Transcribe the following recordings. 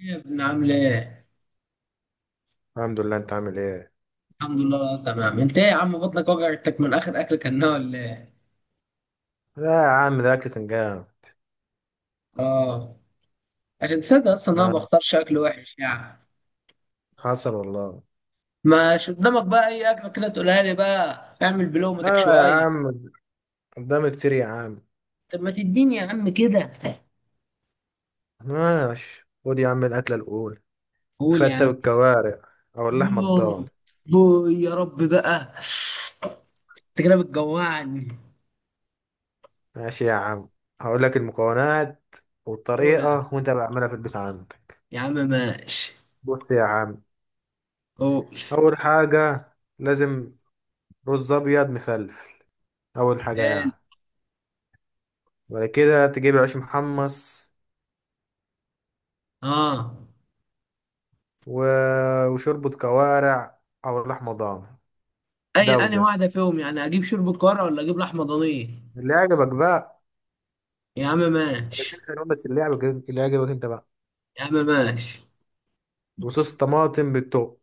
يا ابن عامل ايه؟ الحمد لله، انت عامل ايه؟ الحمد لله تمام، انت ايه يا عم؟ بطنك وجعتك من اخر اكل كناه ولا ايه؟ لا يا عم، ده اكل فنجان. اه. عشان تصدق اصلا انا ما ها. بختارش اكل وحش يعني. حصل والله. مش قدامك بقى اي اكل كده تقولها لي بقى اعمل بلومتك اه يا شويه؟ عم، قدامي كتير يا عم. طب ما تديني يا عم كده. ماشي، خد يا عم الاكله الاولى: قول يا فتة عم. بالكوارع او اللحمه يا رب الضاني. يا رب بقى، انت كده بتجوعني. ماشي يا عم، هقول لك المكونات قول والطريقه وانت بعملها في البيت عندك. يا عم ماشي. بص يا عم، قول. اول حاجه لازم رز ابيض مفلفل، اول حاجه قال. يعني. وبعد كده تجيب عيش محمص، اه. و... وشوربه كوارع او لحمه ضاني. اي، ده انا وده، واحده فيهم يعني، اجيب شوربه كوارع ولا اجيب لحمه ضانيه؟ اللي عجبك بقى. يا عم ماشي. الاتنين حلوين، بس اللي عجبك، اللي عجبك انت بقى. يا عم ماشي. وصوص طماطم بالتوم.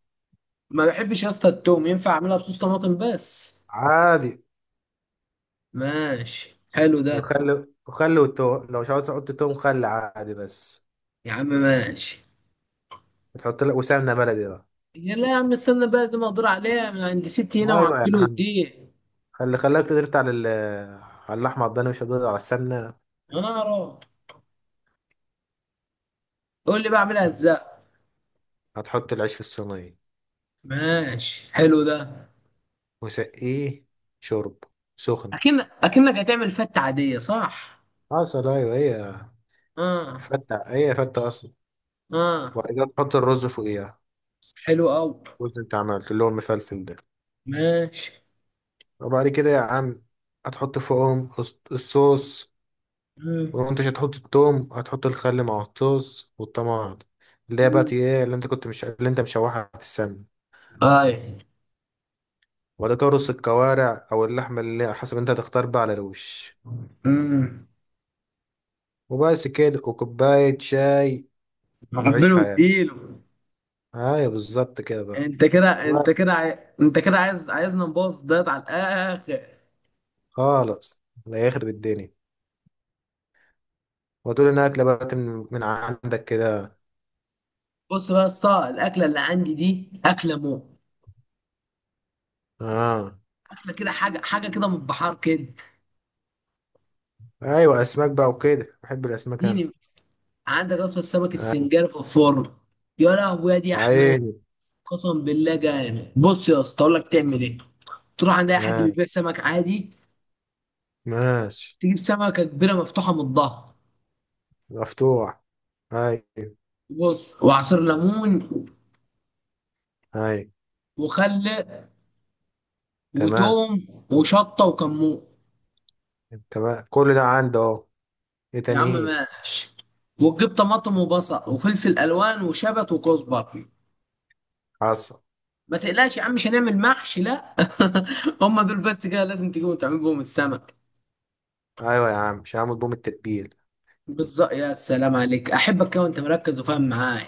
ما بحبش يا اسطى التوم، ينفع اعملها بصوص طماطم بس؟ عادي. ماشي حلو ده. وخل وخل، والتوم لو مش عاوز تحط توم، خل عادي بس. يا عم ماشي. تحط لك وسمنه بلدي بقى. يا لا يا عم استنى بقى، دي مقدور عليها من عند ستي هنا ايوه يا وعبيله عم، واديه. خلي خلاك تدرت على على اللحمه، على الضاني، مش هتقدر على السمنه. انا اروح. قول لي بقى اعملها ازاي. هتحط العيش في الصينيه ماشي حلو ده. وسقيه شرب سخن. اكنك هتعمل فتة عادية صح؟ حصل ايوه هي، اه. فته هي فته اصلا. اه. وبعد كده تحط الرز فوقيها، حلو قوي. الرز انت عملت اللي هو المفلفل ده. ماشي. وبعد كده يا عم هتحط فوقهم الصوص. امم ولو انت مش هتحط التوم، هتحط الخل مع الصوص والطماطم، اللي هي بقى امم ايه اللي انت كنت، مش اللي انت مشوحها في السمن. اي. وبعد كده رص الكوارع او اللحمه اللي حسب انت هتختار بقى على الوش. امم وبس كده، وكوبايه شاي وعيش عبيله حياتك. واديله. ايوه بالظبط كده بقى. انت كده انت وقت كده عاي... انت كده عايز عايزنا نبوظ دايت على الاخر. خالص. لا يخرب الدنيا، وتقول انها اكله بقى من عندك كده. بص بقى يا اسطى، الاكله اللي عندي دي اكله مو، اه. اكله كده حاجه حاجه كده من البحار كده. ايوه اسماك بقى وكده، بحب الاسماك انا. اديني. عندك اصلا السمك ايوه. السنجاري في الفرن. يا لهوي يا دي يا يا احمد. عيني. قسم بالله جامد. بص يا اسطى اقول لك تعمل ايه. تروح عند اي حد آه. بيبيع سمك عادي. ماشي. تجيب سمكه كبيره مفتوحه من الظهر. مفتوح، ايوه. بص، وعصير ليمون ايوه. وخل تمام. وتوم وشطه وكمون. تمام، كل ده عنده اهو. ايه يا تاني؟ عم ايه؟ ماشي. وتجيب طماطم وبصل وفلفل الوان وشبت وكزبره. حصل. ما تقلقش يا عم، مش هنعمل محشي لا. هم دول بس كده لازم تجيبهم تعمل بهم السمك. ايوه يا عم، مش هعمل بوم التتبيل. بالظبط، يا سلام عليك، احبك كده وانت مركز وفاهم معايا.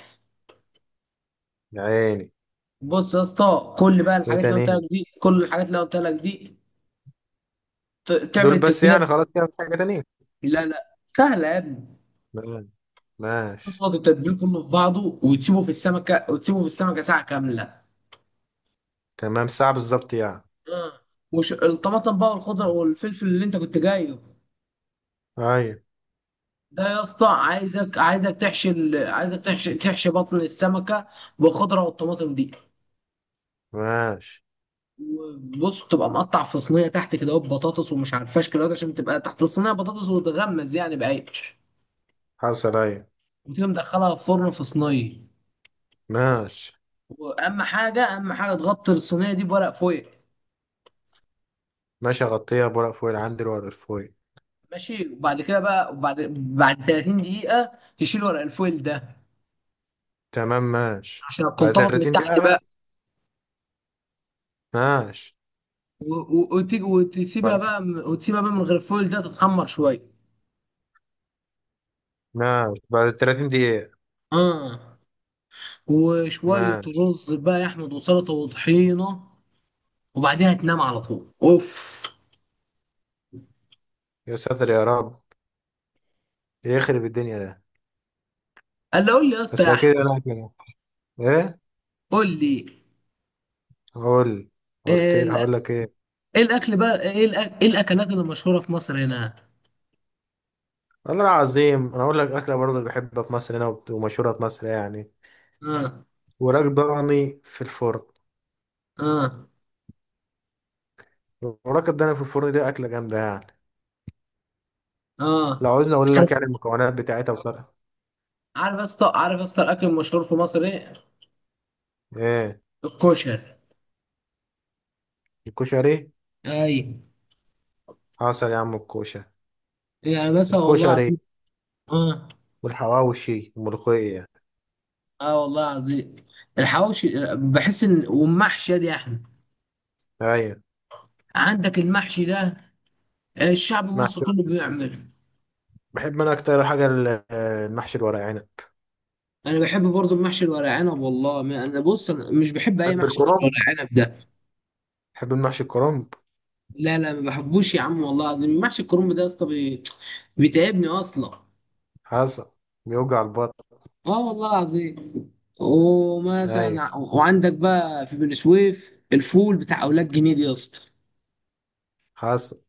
يا عيني. بص يا اسطى، وايه تاني إيه؟ كل الحاجات اللي قلت لك دي تعمل دول بس التتبيله. يعني؟ خلاص كده، مفيش حاجه تانية. لا لا سهله يا ابني. تمام. ماشي. تصفط التتبيل كله في بعضه، وتسيبه في السمكه ساعه كامله. تمام، ساعه بالظبط يعني. آه. وش الطماطم بقى والخضر والفلفل اللي انت كنت جايبه. ايوه. ده يا اسطى عايزك تحشي بطن السمكه بالخضره والطماطم دي. ماشي. وبص، تبقى مقطع في صينيه تحت كده اهو بطاطس ومش عارف فاشكل، عشان تبقى تحت الصينيه بطاطس وتغمز يعني بعيش. حصل ايوه. وتيجي مدخلها في فرن في صينيه. ماشي. واهم حاجه تغطي الصينيه دي بورق فويل. ماشي، اغطيها بورق فويل، عندي الورق فويل. ماشي، وبعد كده بقى وبعد 30 دقيقه تشيل ورق الفويل ده تمام ماشي، عشان بعد تنطبق من 30 تحت دقيقه. بقى. ماشي. و- و- وتيجي وتسيبها بعد كده بقى وتسيبها بقى من غير الفويل ده تتحمر شويه. ماشي، بعد 30 دقيقه. اه. وشوية ماشي. رز بقى يا أحمد وسلطة وطحينة، وبعديها تنام على طول أوف. يا ساتر يا رب، يخرب الدنيا ده. قال لي، قول لي يا اسطى بس يا أحمد. اكيد انا كده. ايه؟ قول لي. هقول. قلت إيه إيه؟ الأ- هقول لك ايه. إيه الأكل بقى؟ إيه الأكلات اللي مشهورة في مصر هنا؟ والله العظيم انا اقول لك اكله برضه اللي بحبها في مصر هنا، ومشهوره في مصر يعني. آه. وراك ضاني في الفرن. آه. وراك الضاني في الفرن دي اكله جامده يعني. آه. لو عاوزني اقول لك عارف، يعني المكونات بتاعتها بصراحه. عارف يا اسطى الأكل المشهور في مصر إيه؟ ايه؟ الكشري. الكشري. أي، حصل يا عم، الكوشه. يعني مثلا والله العظيم. الكشري آه. والحواوشي والملوخيه. آه والله العظيم، الحواوشي. بحس إن، والمحشي يا دي يا أحمد. ايوه. عندك المحشي ده الشعب المصري محشي. كله بيعمله. بحب انا اكتر حاجه، المحشي الورق عنب. انا بحب برضو المحشي الورق عنب. والله ما انا، بص، انا مش بحب اي بحب محشي غير الكرنب، الورق عنب ده. بحب المحشي الكرنب. لا لا ما بحبوش يا عم، والله العظيم محشي الكرنب ده يا اسطى بيتعبني اصلا. حصل. بيوجع البطن. اه والله العظيم. ومثلا ايوه. وعندك بقى في بني سويف الفول بتاع اولاد جنيد يا اسطى. حصل.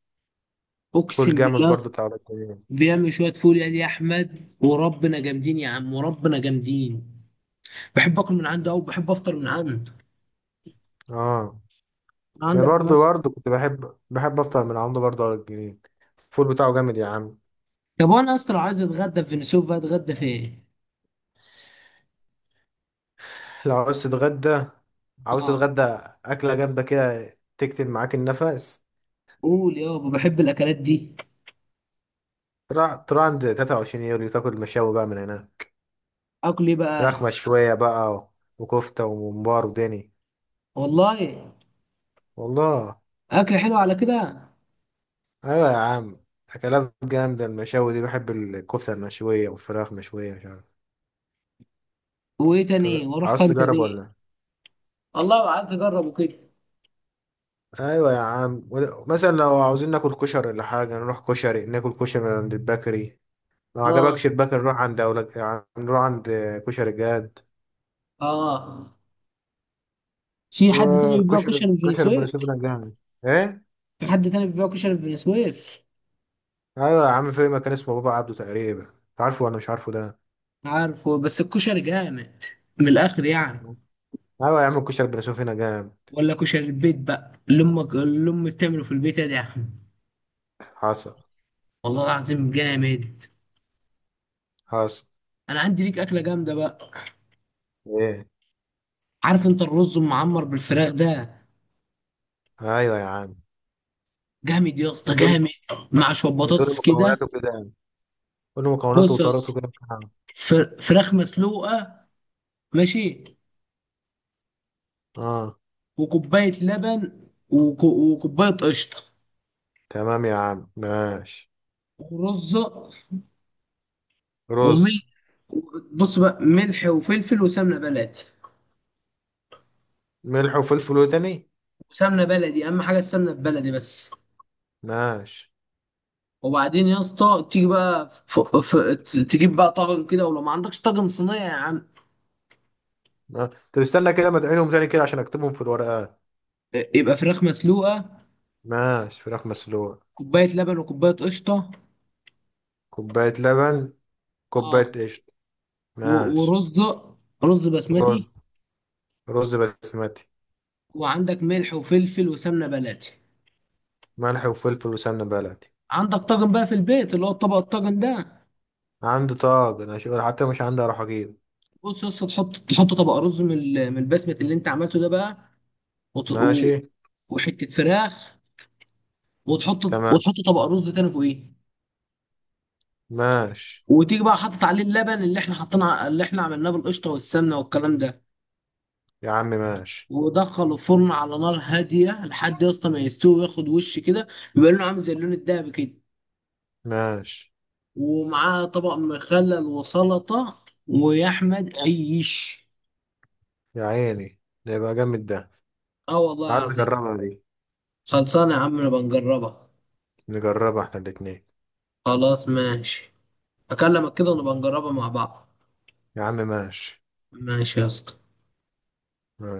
اقسم فول جامد بالله يا برضو اسطى، بتاع ولاد جنين. بيعمل شويه فول يا دي يا احمد وربنا، جامدين يا عم وربنا جامدين. بحب اكل من عنده، او بحب افطر من عنده. اه. ما عندك برضو، مثلا، كنت بحب افطر من عنده برضو ولاد جنين، الفول بتاعه جامد يا عم. طب وانا يا اسطى لو عايز اتغدى في بني سويف بقى اتغدى فين؟ لو عاوز تتغدى، عاوز آه. تتغدى اكله جامده كده تكتم معاك النفس. قول يابا، بحب الاكلات دي. تروح عند 23 يوليو، تاكل مشاوي بقى من هنا. اكل ايه فراخ بقى؟ مشويه بقى وكفته وممبار ودني. والله والله. اكل حلو على كده. ايوه يا عم، اكلات جامده المشاوي دي، بحب الكفته المشويه والفراخ مشويه، مش عارف. وايه طب تاني؟ واروح عاوز فين تجرب تاني؟ ولا؟ والله عايز اجربه كده. ايوه يا عم، مثلا لو عاوزين ناكل كشري ولا حاجه، نروح كشري ناكل كشري من عند البكري. لو اه. عجبكش البكري نروح عند أولاد يعني، نروح عند كشري جاد. اه. في حد تاني بيبيع وكشري، كشري في بني كشري بن سويف؟ سويف جامد. ايه؟ في حد تاني بيبيع كشري في بني سويف؟ ايوه يا عم، في مكان اسمه بابا عبده تقريبا، انت عارفه ولا مش عارفه ده؟ عارفه، بس الكشري جامد من الاخر يعني. ايوه يا عم، الكشري بن سويف هنا جامد. ولا كشري البيت بقى اللي امك، اللي امي بتعمله في البيت يا دي يا احمد. حصل. والله العظيم جامد. حصل. انا عندي ليك اكله جامده بقى. ايه؟ عارف انت الرز المعمر بالفراخ ده؟ ايوه يا عم. جامد يا اسطى بتقول جامد، مع شويه بتقول بطاطس كده. مكوناته كده يعني. قول مكوناته بص يا وطريقته اسطى، كده. فراخ مسلوقه، ماشي، اه. وكوبايه لبن، وكوبايه قشطه، تمام يا عم ماشي. ورزه، وملح. رز. بص بقى، ملح وفلفل وسمنه بلدي، ملح وفلفل وتاني. وسمنه بلدي اهم حاجه السمنه البلدي بس. ماشي. وبعدين يا اسطى تيجي بقى تجيب بقى طاجن كده، ولو ما عندكش طاجن صينيه يا عم. ما- طب استنى كده، ما تعينهم تاني كده عشان اكتبهم في الورقة. يبقى فراخ مسلوقه، ماشي، فراخ مسلوقة. كوبايه لبن وكوبايه قشطه. كوباية لبن، كوباية اه. قشطة. و... ماشي. ورز، رز بسمتي. رز، رز بسمتي. وعندك ملح وفلفل وسمنه بلدي. ملح وفلفل وسمنة بلدي. عندك طاجن بقى في البيت، اللي هو الطبق الطاجن ده؟ عندي طاجن انا شغل، حتى مش عندي، اروح اجيب. بص يا اسطى، تحط طبق رز من من البسمه اللي انت عملته ده بقى، وط- ماشي. و- وحته فراخ. وتحط تمام. وتحط طبق رز تاني فوقيه. ماشي. وتيجي بقى حاطط عليه اللبن اللي احنا حطينا اللي احنا عملناه بالقشطه والسمنه والكلام ده. يا عم ماشي. ودخله الفرن على نار هاديه لحد يا اسطى ما يستوي وياخد وش كده، يبقى لونه عامل زي اللون الدهبي كده. ماشي. ومعاه طبق مخلل وسلطه، ويا احمد عيش. يا عيني، ده يبقى جامد ده. اه والله عايز العظيم. نجربها دي. خلصانة يا عم، نبقى نجربها. نجربها احنا الاتنين. خلاص ماشي. هكلمك كده ونبقى نجربها مع بعض. يا عم ماشي. ماشي يا اسطى.